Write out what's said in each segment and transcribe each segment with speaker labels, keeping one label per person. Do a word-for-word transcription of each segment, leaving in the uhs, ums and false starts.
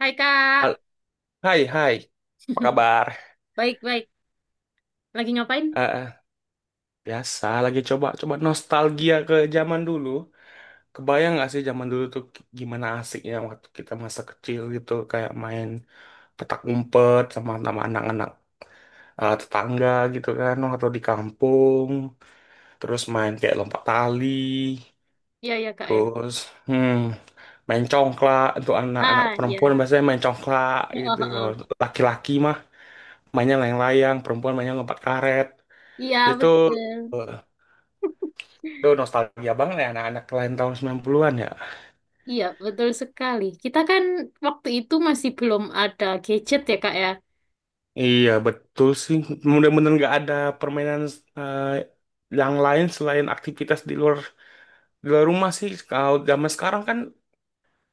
Speaker 1: Hai Kak,
Speaker 2: Hal- Hai, hai, apa kabar?
Speaker 1: baik-baik. Lagi ngapain?
Speaker 2: Eh, eh, Biasa lagi coba coba nostalgia ke zaman dulu. Kebayang nggak sih zaman dulu tuh gimana asiknya waktu kita masa kecil gitu kayak main petak umpet sama sama anak-anak eh, tetangga gitu kan, atau di kampung, terus main kayak lompat tali,
Speaker 1: Iya, iya Kak ya.
Speaker 2: terus hmm main congklak. Untuk anak-anak
Speaker 1: Ah,
Speaker 2: perempuan
Speaker 1: iya.
Speaker 2: biasanya main congklak
Speaker 1: Oh, oh,
Speaker 2: gitu. Kalau
Speaker 1: oh.
Speaker 2: laki-laki mah mainnya layang-layang, perempuan mainnya lompat karet.
Speaker 1: Iya,
Speaker 2: Itu
Speaker 1: betul.
Speaker 2: eh, itu nostalgia banget ya anak-anak lain tahun sembilan puluhan-an ya.
Speaker 1: Iya, betul sekali. Kita kan waktu itu masih belum ada gadget ya Kak ya.
Speaker 2: Iya, betul sih. Mudah-mudahan nggak ada permainan eh, yang lain selain aktivitas di luar di luar rumah sih. Kalau zaman sekarang kan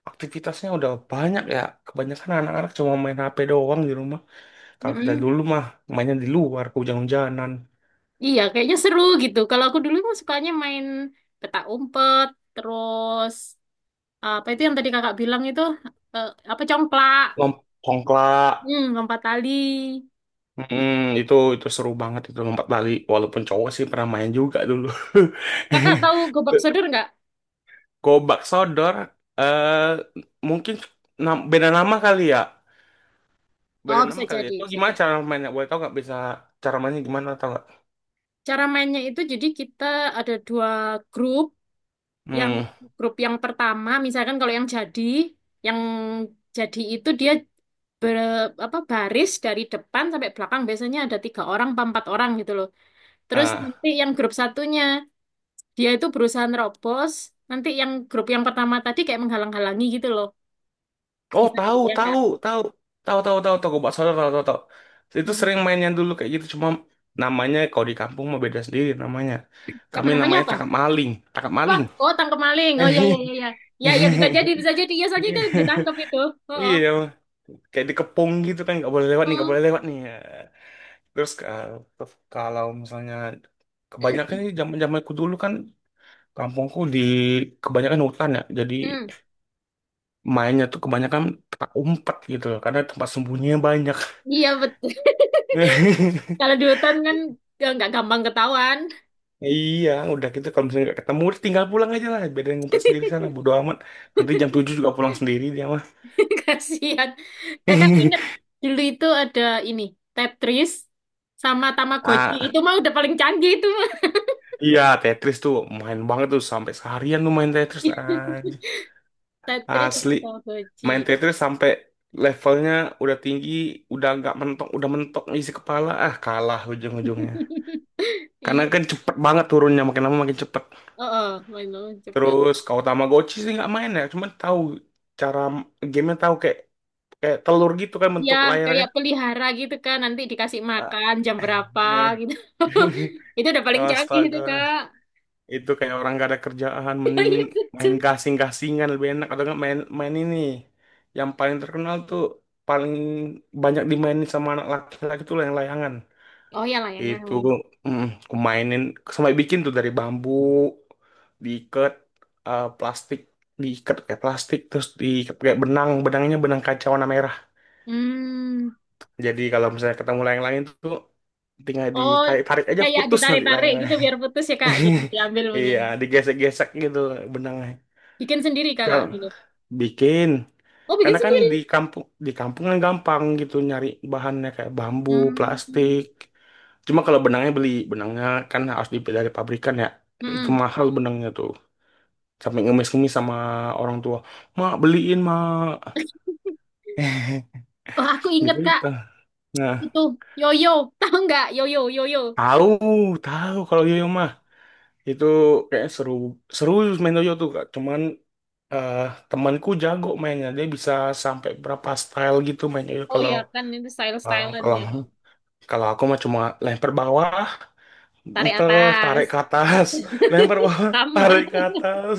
Speaker 2: aktivitasnya udah banyak ya. Kebanyakan anak-anak cuma main H P doang di rumah. Kalau kita
Speaker 1: Mm-mm.
Speaker 2: dulu mah mainnya di luar, ke hujan-hujanan,
Speaker 1: Iya, kayaknya seru gitu. Kalau aku dulu mah sukanya main petak umpet, terus apa itu yang tadi Kakak bilang itu eh, apa congklak,
Speaker 2: lompat congklak.
Speaker 1: hmm, lompat tali.
Speaker 2: Mm, itu itu seru banget itu lompat tali. Walaupun cowok sih pernah main juga dulu.
Speaker 1: Kakak tahu gobak sodor nggak?
Speaker 2: Gobak Sodor, eh mungkin nam- beda nama kali ya. Beda
Speaker 1: Oh, bisa
Speaker 2: nama kali ya.
Speaker 1: jadi,
Speaker 2: Itu
Speaker 1: bisa
Speaker 2: gimana
Speaker 1: jadi.
Speaker 2: cara mainnya? Boleh tahu nggak, bisa cara mainnya gimana, tahu nggak?
Speaker 1: Cara mainnya itu jadi kita ada dua grup. Yang
Speaker 2: Hmm.
Speaker 1: grup yang pertama, misalkan kalau yang jadi, yang jadi itu dia ber, apa baris dari depan sampai belakang biasanya ada tiga orang, apa empat orang gitu loh. Terus
Speaker 2: Ah.
Speaker 1: nanti yang grup satunya dia itu berusaha nerobos. Nanti yang grup yang pertama tadi kayak menghalang-halangi gitu loh.
Speaker 2: Oh,
Speaker 1: Bisa
Speaker 2: tahu,
Speaker 1: kebayang nggak?
Speaker 2: tahu, tahu. Tahu, tahu, tahu, tahu Gobak Sodor, tahu, tahu, tahu. Itu sering
Speaker 1: Hmm.
Speaker 2: mainnya dulu kayak gitu, cuma namanya kalau di kampung mah beda sendiri namanya.
Speaker 1: Kamu
Speaker 2: Kami
Speaker 1: namanya
Speaker 2: namanya
Speaker 1: apa?
Speaker 2: tangkap maling, tangkap
Speaker 1: Apa?
Speaker 2: maling.
Speaker 1: Oh, tangkap maling. Oh, iya iya iya iya. Ya ya ya, bisa jadi bisa jadi ya soalnya kan ditangkap itu. Oh, oh.
Speaker 2: Iya, kayak dikepung gitu kan, nggak boleh lewat nih, nggak
Speaker 1: Hmm.
Speaker 2: boleh lewat nih. Terus ka- kalau misalnya, kebanyakan ini zaman-zamanku dulu kan, kampungku di kebanyakan hutan ya. Jadi
Speaker 1: Hmm.
Speaker 2: mainnya tuh kebanyakan petak umpet gitu loh, karena tempat sembunyinya banyak.
Speaker 1: Iya betul. Kalau di hutan kan nggak nggak gampang ketahuan.
Speaker 2: Iya, udah gitu kalau misalnya nggak ketemu udah tinggal pulang aja lah, biar dia ngumpet sendiri sana, bodo amat. Nanti jam tujuh juga pulang sendiri dia mah.
Speaker 1: Kasihan. Kakak ingat dulu itu ada ini, Tetris sama Tamagotchi.
Speaker 2: Ah,
Speaker 1: Itu mah udah paling canggih itu mah.
Speaker 2: iya, Tetris tuh main banget tuh, sampai seharian tuh main Tetris aja.
Speaker 1: Tetris
Speaker 2: Asli.
Speaker 1: sama
Speaker 2: Main
Speaker 1: Tamagotchi.
Speaker 2: Tetris sampai levelnya udah tinggi, udah nggak mentok, udah mentok isi kepala, ah kalah ujung-ujungnya. Karena
Speaker 1: Iya,
Speaker 2: kan cepet banget turunnya, makin lama makin cepet.
Speaker 1: oh, oh, main-main cepet.
Speaker 2: Terus kalau Tamagotchi sih nggak main ya, cuman tahu cara gamenya, tahu kayak kayak telur gitu kan
Speaker 1: Ya,
Speaker 2: bentuk layarnya.
Speaker 1: kayak pelihara gitu kan, nanti dikasih
Speaker 2: Ah,
Speaker 1: makan jam berapa
Speaker 2: eh.
Speaker 1: gitu. Itu udah paling canggih itu,
Speaker 2: Astaga,
Speaker 1: Kak.
Speaker 2: itu kayak orang gak ada kerjaan, mending
Speaker 1: Iya,
Speaker 2: main
Speaker 1: betul.
Speaker 2: gasing-gasingan lebih enak, atau nggak main main ini. Yang paling terkenal tuh, paling banyak dimainin sama anak laki-laki tuh lah, yang layangan.
Speaker 1: Oh ya,
Speaker 2: Itu
Speaker 1: layangan.
Speaker 2: mm, aku mainin sampai bikin tuh dari bambu, diikat eh, plastik, diikat kayak plastik, terus diikat kayak benang benangnya benang kaca warna merah.
Speaker 1: Hmm.
Speaker 2: Jadi kalau misalnya ketemu layang-layang tuh, tinggal
Speaker 1: Oh,
Speaker 2: ditarik tarik aja,
Speaker 1: kayak
Speaker 2: putus nanti
Speaker 1: ditarik-tarik gitu
Speaker 2: layang-layang.
Speaker 1: biar putus ya kak. Jadi diambil
Speaker 2: Iya,
Speaker 1: punyanya.
Speaker 2: digesek-gesek gitu benangnya.
Speaker 1: Bikin sendiri
Speaker 2: Kalau
Speaker 1: kakak gitu.
Speaker 2: bikin,
Speaker 1: Oh, bikin
Speaker 2: karena kan di
Speaker 1: sendiri.
Speaker 2: kampung di kampung kan gampang gitu nyari bahannya kayak bambu,
Speaker 1: Hmm.
Speaker 2: plastik. Cuma kalau benangnya beli, benangnya kan harus dibeli dari pabrikan ya. Itu
Speaker 1: Hmm.
Speaker 2: mahal benangnya tuh. Sampai ngemis-ngemis sama orang tua. Mak, beliin, mak.
Speaker 1: Oh, aku inget
Speaker 2: Gitu
Speaker 1: kak
Speaker 2: gitu. Nah,
Speaker 1: itu yoyo. Tahu nggak yoyo yoyo?
Speaker 2: tahu, tahu kalau yoyo mah. Itu kayak seru, seru main yoyo tuh, Kak. Cuman eh, temanku jago mainnya. Dia bisa sampai berapa style gitu main yoyo.
Speaker 1: Oh
Speaker 2: Kalau
Speaker 1: ya kan itu
Speaker 2: eh,
Speaker 1: style-stylean
Speaker 2: kalau
Speaker 1: ya.
Speaker 2: kalau aku mah cuma lempar bawah,
Speaker 1: Tarik
Speaker 2: muter,
Speaker 1: atas.
Speaker 2: tarik ke atas, lempar bawah,
Speaker 1: Sama.
Speaker 2: tarik ke atas.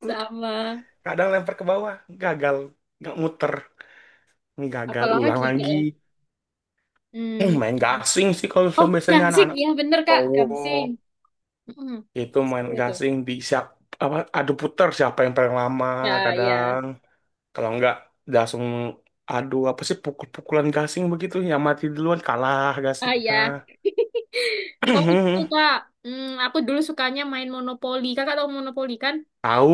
Speaker 1: Sama.
Speaker 2: Kadang lempar ke bawah, gagal nggak muter, gagal, ulang
Speaker 1: Apalagi kak
Speaker 2: lagi.
Speaker 1: ya?
Speaker 2: Eh,
Speaker 1: Hmm.
Speaker 2: main gasing sih, kalau
Speaker 1: Oh,
Speaker 2: misalnya biasanya
Speaker 1: gangsing.
Speaker 2: anak-anak
Speaker 1: Ya bener kak,
Speaker 2: cowok
Speaker 1: gangsing. Hmm.
Speaker 2: itu main
Speaker 1: Seru tuh.
Speaker 2: gasing di siap, apa, adu puter siapa yang paling lama,
Speaker 1: Ya, ya.
Speaker 2: kadang kalau nggak langsung adu, apa sih, pukul-pukulan gasing, begitu yang mati duluan kalah
Speaker 1: Ah ya.
Speaker 2: gasingnya.
Speaker 1: Oh itu kak, hmm, aku dulu sukanya main monopoli. Kakak tahu monopoli kan?
Speaker 2: Tahu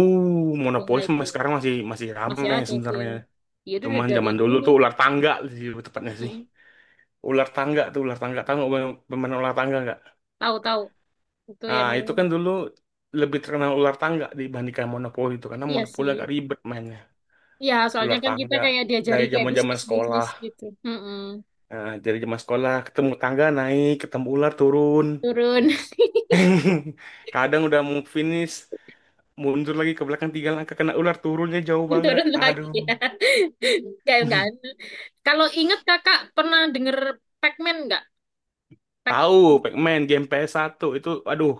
Speaker 1: Ya
Speaker 2: monopoli,
Speaker 1: itu
Speaker 2: sama sekarang masih masih
Speaker 1: masih
Speaker 2: rame
Speaker 1: ada sih
Speaker 2: sebenarnya,
Speaker 1: yang. Ya itu udah
Speaker 2: cuman
Speaker 1: dari
Speaker 2: zaman dulu
Speaker 1: dulu.
Speaker 2: tuh ular tangga sih tepatnya sih,
Speaker 1: Mm-mm.
Speaker 2: ular tangga tuh, ular tangga tahu nggak, pemain pemain ular tangga.
Speaker 1: Tahu tahu itu
Speaker 2: Nah,
Speaker 1: yang
Speaker 2: itu kan dulu lebih terkenal ular tangga dibandingkan monopoli, itu karena
Speaker 1: iya
Speaker 2: monopoli
Speaker 1: sih.
Speaker 2: agak ribet mainnya.
Speaker 1: Iya soalnya
Speaker 2: Ular
Speaker 1: kan kita
Speaker 2: tangga
Speaker 1: kayak diajari
Speaker 2: dari
Speaker 1: kayak
Speaker 2: zaman-zaman
Speaker 1: bisnis bisnis
Speaker 2: sekolah.
Speaker 1: gitu. Mm-mm.
Speaker 2: Nah, dari zaman sekolah ketemu tangga naik, ketemu ular turun.
Speaker 1: Turun.
Speaker 2: Kadang udah mau finish, mundur lagi ke belakang tiga langkah, kena ular turunnya jauh banget.
Speaker 1: Turun lagi
Speaker 2: Aduh.
Speaker 1: ya. Kayak enggak. Kalau inget kakak pernah denger Pac-Man nggak? Pac.
Speaker 2: Tahu, Pac-Man game p s satu itu, aduh,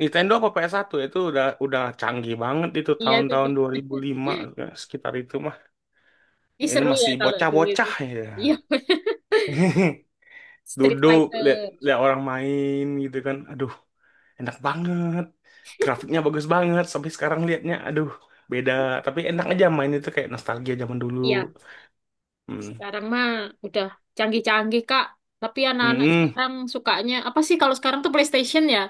Speaker 2: Nintendo apa p s satu itu udah udah canggih banget itu
Speaker 1: Iya itu
Speaker 2: tahun-tahun
Speaker 1: deh.
Speaker 2: dua ribu lima, sekitar itu mah.
Speaker 1: Ih,
Speaker 2: Ini
Speaker 1: seru ya
Speaker 2: masih
Speaker 1: kalau dulu itu.
Speaker 2: bocah-bocah
Speaker 1: Iya.
Speaker 2: ya.
Speaker 1: Street
Speaker 2: Duduk lihat
Speaker 1: Fighter.
Speaker 2: lihat orang main gitu kan, aduh enak banget grafiknya, bagus banget sampai sekarang liatnya, aduh beda, tapi enak aja main itu kayak nostalgia zaman dulu.
Speaker 1: Iya,
Speaker 2: Hmm.
Speaker 1: sekarang mah udah canggih-canggih, Kak. Tapi anak-anak
Speaker 2: Hmm.
Speaker 1: sekarang sukanya apa sih kalau sekarang tuh PlayStation ya?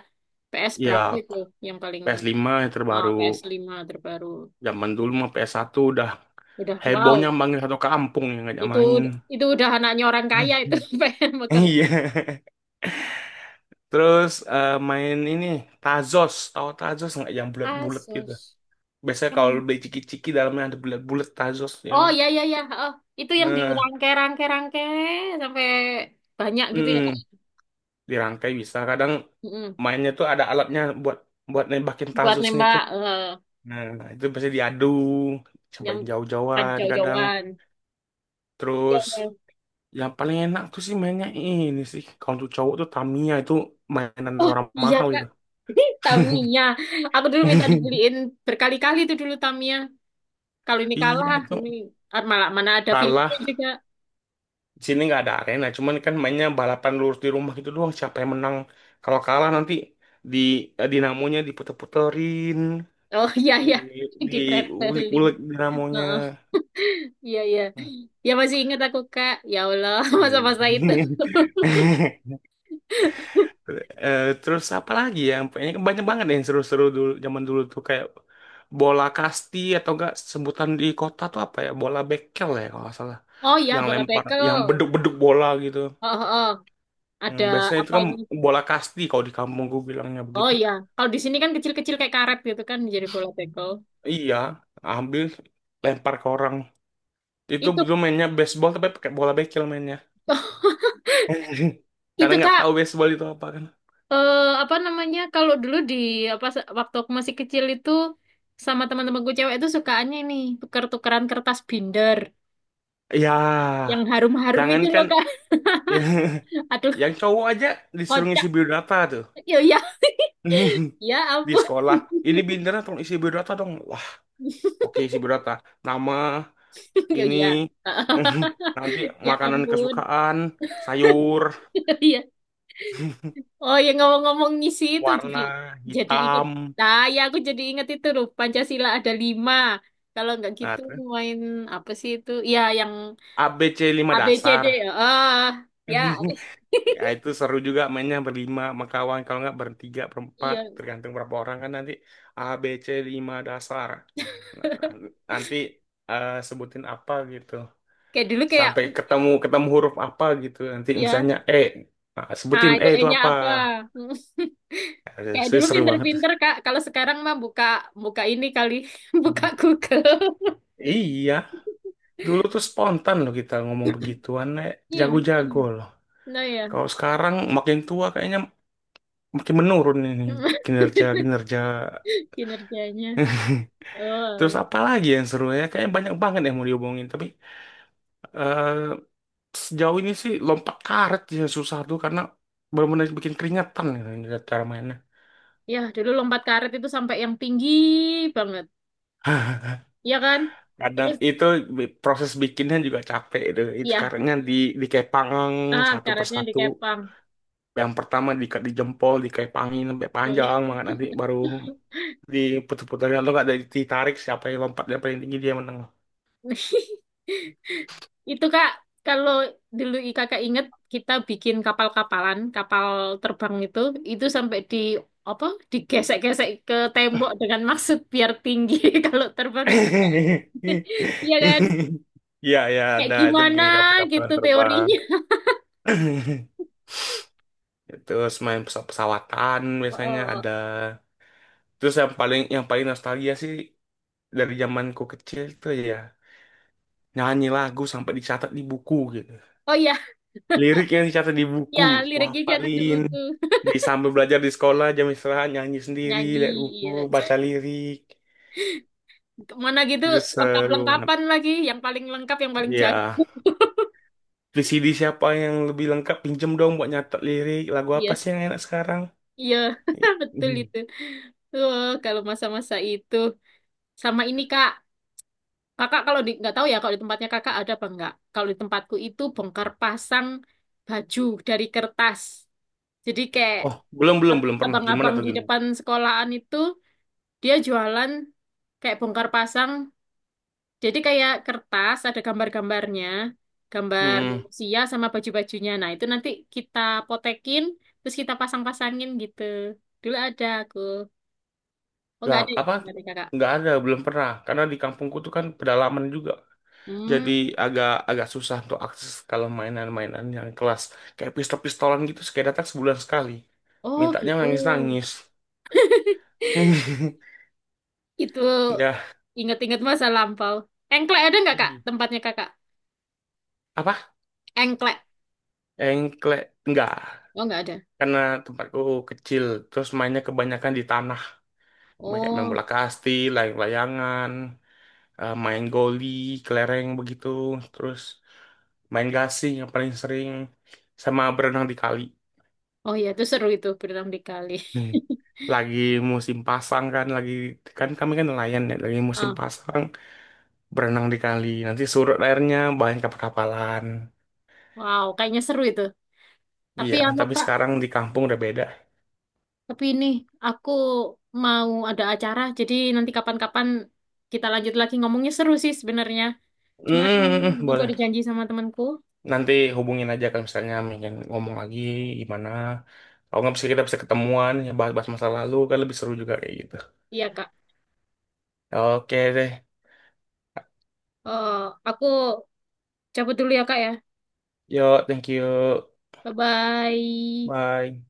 Speaker 1: P S
Speaker 2: Ya,
Speaker 1: berapa itu yang paling
Speaker 2: p s lima yang
Speaker 1: oh,
Speaker 2: terbaru.
Speaker 1: p s lima terbaru.
Speaker 2: Zaman dulu mah p s satu udah
Speaker 1: Udah
Speaker 2: hebohnya,
Speaker 1: wow.
Speaker 2: manggil satu kampung yang ngajak
Speaker 1: Itu
Speaker 2: main.
Speaker 1: itu udah anaknya orang kaya itu pengen makan.
Speaker 2: Iya, terus eh, main ini Tazos, tahu Tazos nggak, yang bulat-bulat gitu?
Speaker 1: Asus.
Speaker 2: Biasanya kalau
Speaker 1: Hmm.
Speaker 2: beli ciki-ciki, dalamnya ada bulat-bulat Tazos ya.
Speaker 1: Oh ya ya ya. Oh, itu yang
Speaker 2: Nah,
Speaker 1: dirangke-rangke-rangke sampai banyak gitu ya, Kak.
Speaker 2: mm, dirangkai bisa. Kadang
Speaker 1: Mm-mm.
Speaker 2: mainnya tuh ada alatnya buat buat nembakin
Speaker 1: Buat
Speaker 2: tazus nih
Speaker 1: nembak
Speaker 2: tuh.
Speaker 1: eh,
Speaker 2: Nah, itu pasti diadu,
Speaker 1: yang
Speaker 2: cobain
Speaker 1: kan
Speaker 2: jauh-jauhan kadang.
Speaker 1: jauh-jauhan.
Speaker 2: Terus yang paling enak tuh sih mainnya ini sih. Kalau untuk cowok tuh Tamiya, itu mainan
Speaker 1: Oh
Speaker 2: orang
Speaker 1: iya
Speaker 2: mahal
Speaker 1: Kak,
Speaker 2: itu.
Speaker 1: Tamiya. Aku dulu minta dibeliin berkali-kali itu dulu Tamiya. Kalau ini
Speaker 2: Iya,
Speaker 1: kalah,
Speaker 2: itu
Speaker 1: ini ah, malah mana ada filmnya
Speaker 2: kalah.
Speaker 1: juga.
Speaker 2: Di sini nggak ada arena, cuman kan mainnya balapan lurus di rumah gitu doang. Siapa yang menang? Kalau kalah nanti di eh, dinamonya diputer-puterin.
Speaker 1: Oh iya iya,
Speaker 2: di di
Speaker 1: di pretelin.
Speaker 2: ulik-ulik dinamonya.
Speaker 1: Heeh, iya iya.
Speaker 2: Nah,
Speaker 1: Ya masih ingat aku Kak. Ya Allah, masa-masa itu.
Speaker 2: hmm. Eh, terus apa lagi ya? Kayaknya banyak banget yang seru-seru dulu zaman dulu tuh, kayak bola kasti, atau enggak sebutan di kota tuh apa ya? Bola bekel ya kalau nggak salah.
Speaker 1: Oh iya,
Speaker 2: Yang
Speaker 1: bola
Speaker 2: lempar, yang
Speaker 1: bekel.
Speaker 2: beduk-beduk bola gitu.
Speaker 1: Oh, oh, oh.
Speaker 2: Hmm,
Speaker 1: Ada
Speaker 2: biasanya itu kan
Speaker 1: apanya?
Speaker 2: bola kasti kalau di kampung gue bilangnya
Speaker 1: Oh
Speaker 2: begitu.
Speaker 1: iya, kalau di sini kan kecil-kecil kayak karet gitu kan jadi bola bekel.
Speaker 2: Iya, ambil lempar ke orang. Itu
Speaker 1: Itu
Speaker 2: dulu mainnya baseball, tapi pakai bola bekel mainnya. Karena
Speaker 1: itu
Speaker 2: nggak
Speaker 1: Kak
Speaker 2: tahu baseball itu apa kan.
Speaker 1: eh apa namanya kalau dulu di apa waktu aku masih kecil itu sama teman-temanku cewek itu sukaannya ini tuker-tukeran kertas binder
Speaker 2: Ya,
Speaker 1: yang harum-harum itu loh
Speaker 2: jangankan,
Speaker 1: kak.
Speaker 2: ya,
Speaker 1: Aduh
Speaker 2: yang cowok aja disuruh
Speaker 1: kocak,
Speaker 2: ngisi biodata tuh.
Speaker 1: ya ya, ya
Speaker 2: Di
Speaker 1: ampun.
Speaker 2: sekolah, ini bintangnya, tolong isi biodata dong. Wah, oke, isi biodata. Nama,
Speaker 1: Ya
Speaker 2: ini,
Speaker 1: ya.
Speaker 2: nanti
Speaker 1: Ya
Speaker 2: makanan
Speaker 1: ampun.
Speaker 2: kesukaan, sayur,
Speaker 1: Ya, oh ya, ngomong-ngomong ngisi itu jadi
Speaker 2: warna,
Speaker 1: jadi inget.
Speaker 2: hitam.
Speaker 1: Nah ya, aku jadi inget itu loh Pancasila ada lima kalau nggak
Speaker 2: Nah,
Speaker 1: gitu
Speaker 2: terus
Speaker 1: main apa sih itu ya yang
Speaker 2: a b c lima
Speaker 1: a b c d
Speaker 2: dasar.
Speaker 1: ya ah ya
Speaker 2: Ya, itu seru juga mainnya berlima sama kawan. Kalau nggak bertiga, berempat.
Speaker 1: iya.
Speaker 2: Tergantung berapa orang kan nanti. a b c lima dasar. Nah, nah, nanti eh, sebutin apa gitu.
Speaker 1: Kayak dulu kayak
Speaker 2: Sampai ketemu ketemu huruf apa gitu. Nanti
Speaker 1: ya,
Speaker 2: misalnya E. Nah,
Speaker 1: nah
Speaker 2: sebutin E
Speaker 1: itu
Speaker 2: itu
Speaker 1: E-nya
Speaker 2: apa.
Speaker 1: apa?
Speaker 2: Eh,
Speaker 1: Kayak
Speaker 2: se-
Speaker 1: dulu
Speaker 2: Seru banget.
Speaker 1: pinter-pinter Kak. Kalau sekarang mah buka buka ini kali, buka
Speaker 2: Hmm.
Speaker 1: Google.
Speaker 2: Iya, dulu tuh spontan loh kita ngomong begituan, eh,
Speaker 1: Iya mungkin,
Speaker 2: jago-jago loh.
Speaker 1: nah ya,
Speaker 2: Kalau sekarang makin tua, kayaknya makin menurun ini kinerja-kinerja.
Speaker 1: kinerjanya.
Speaker 2: Terus
Speaker 1: Oh,
Speaker 2: apa lagi yang seru ya? Kayaknya banyak banget yang mau diomongin, tapi eh, sejauh ini sih lompat karet ya susah tuh, karena benar-benar bikin keringetan gitu ngeliat cara mainnya.
Speaker 1: ya dulu lompat karet itu sampai yang tinggi banget, ya kan?
Speaker 2: Kadang
Speaker 1: Terus
Speaker 2: itu bi- proses bikinnya juga capek itu. Itu
Speaker 1: ya,
Speaker 2: karetnya di dikepang
Speaker 1: ah
Speaker 2: satu
Speaker 1: karetnya
Speaker 2: persatu.
Speaker 1: dikepang.
Speaker 2: Yang pertama di, di jempol dikepangin sampai
Speaker 1: Oh iya.
Speaker 2: panjang banget, nanti baru diputar-putar atau nggak dari- ditarik, siapa yang lompatnya paling tinggi dia menang.
Speaker 1: Itu Kak, kalau dulu i- Kakak inget kita bikin kapal-kapalan, kapal terbang itu, itu sampai di apa? Digesek-gesek ke tembok dengan maksud biar tinggi kalau terbang ingetnya. Iya kan?
Speaker 2: Iya ya,
Speaker 1: Kayak
Speaker 2: ada itu
Speaker 1: gimana
Speaker 2: bikin kapal-kapalan
Speaker 1: gitu
Speaker 2: terbang.
Speaker 1: teorinya.
Speaker 2: Terus main pesawat pesawatan
Speaker 1: Oh,
Speaker 2: biasanya
Speaker 1: oh,
Speaker 2: ada.
Speaker 1: oh.
Speaker 2: Terus yang paling yang paling nostalgia sih dari zamanku kecil tuh ya, nyanyi lagu sampai dicatat di buku gitu.
Speaker 1: Oh iya,
Speaker 2: Liriknya dicatat di buku.
Speaker 1: ya
Speaker 2: Wah,
Speaker 1: liriknya jangan di
Speaker 2: paling
Speaker 1: buku.
Speaker 2: di sambil belajar di sekolah jam istirahat, nyanyi sendiri
Speaker 1: Nyanyi,
Speaker 2: lihat buku,
Speaker 1: iya.
Speaker 2: baca lirik.
Speaker 1: Mana gitu
Speaker 2: Itu seru banget
Speaker 1: lengkap-lengkapan lagi, yang paling lengkap, yang paling jago.
Speaker 2: ya. v c d siapa yang lebih lengkap, pinjem dong buat nyatat lirik lagu apa
Speaker 1: Iya,
Speaker 2: sih yang enak sekarang.
Speaker 1: iya, betul
Speaker 2: Mhm.
Speaker 1: itu. Wah, kalau masa-masa itu sama ini Kak, Kakak kalau di nggak tahu ya kalau di tempatnya kakak ada apa enggak. Kalau di tempatku itu bongkar pasang baju dari kertas. Jadi kayak
Speaker 2: Oh, belum belum
Speaker 1: ab-
Speaker 2: belum pernah. Gimana
Speaker 1: abang-abang
Speaker 2: tuh,
Speaker 1: di
Speaker 2: gimana?
Speaker 1: depan sekolahan itu dia jualan kayak bongkar pasang. Jadi kayak kertas ada gambar-gambarnya, gambar
Speaker 2: Hmm.
Speaker 1: manusia sama baju-bajunya. Nah, itu nanti kita potekin terus kita pasang-pasangin gitu. Dulu ada aku. Oh, nggak
Speaker 2: Nggak,
Speaker 1: ada ya
Speaker 2: apa?
Speaker 1: tempatnya kakak.
Speaker 2: Nggak ada, belum pernah. Karena di kampungku tuh kan pedalaman juga.
Speaker 1: Hmm.
Speaker 2: Jadi agak agak susah untuk akses kalau mainan-mainan yang kelas kayak pistol-pistolan gitu, sekali datang sebulan sekali.
Speaker 1: Oh,
Speaker 2: Mintanya
Speaker 1: gitu.
Speaker 2: nangis-nangis.
Speaker 1: Itu
Speaker 2: Ya.
Speaker 1: ingat-ingat masa lampau. Engklek ada nggak kak?
Speaker 2: Hmm.
Speaker 1: Tempatnya kakak?
Speaker 2: Apa?
Speaker 1: Engklek.
Speaker 2: Engklek. Enggak.
Speaker 1: Oh nggak ada.
Speaker 2: Karena tempatku kecil. Terus mainnya kebanyakan di tanah. Main Kayak main
Speaker 1: Oh,
Speaker 2: bola kasti, layang-layangan, eh, main goli, kelereng begitu, terus main gasing yang paling sering, sama berenang di kali.
Speaker 1: oh iya itu seru itu berenang di kali.
Speaker 2: Hmm. Lagi musim pasang kan, lagi, kan kami kan nelayan ya, lagi musim
Speaker 1: Ah,
Speaker 2: pasang berenang di kali. Nanti surut airnya banyak kapal-kapalan.
Speaker 1: wow, kayaknya seru itu. Tapi
Speaker 2: Iya,
Speaker 1: anu
Speaker 2: tapi
Speaker 1: kak,
Speaker 2: sekarang di kampung udah beda.
Speaker 1: tapi ini aku mau ada acara, jadi nanti kapan-kapan kita lanjut lagi ngomongnya seru sih sebenarnya.
Speaker 2: Hmm,
Speaker 1: Cuman
Speaker 2: hmm, hmm, hmm,
Speaker 1: aku ada
Speaker 2: boleh.
Speaker 1: janji sama temanku.
Speaker 2: Nanti hubungin aja kalau misalnya ingin ngomong lagi, gimana. Kalau nggak bisa kita bisa ketemuan ya, bahas-bahas masa lalu kan lebih seru juga kayak gitu.
Speaker 1: Iya kak.
Speaker 2: Oke deh.
Speaker 1: Oh, aku cabut dulu ya kak ya.
Speaker 2: Yo, thank you.
Speaker 1: Bye-bye.
Speaker 2: Bye.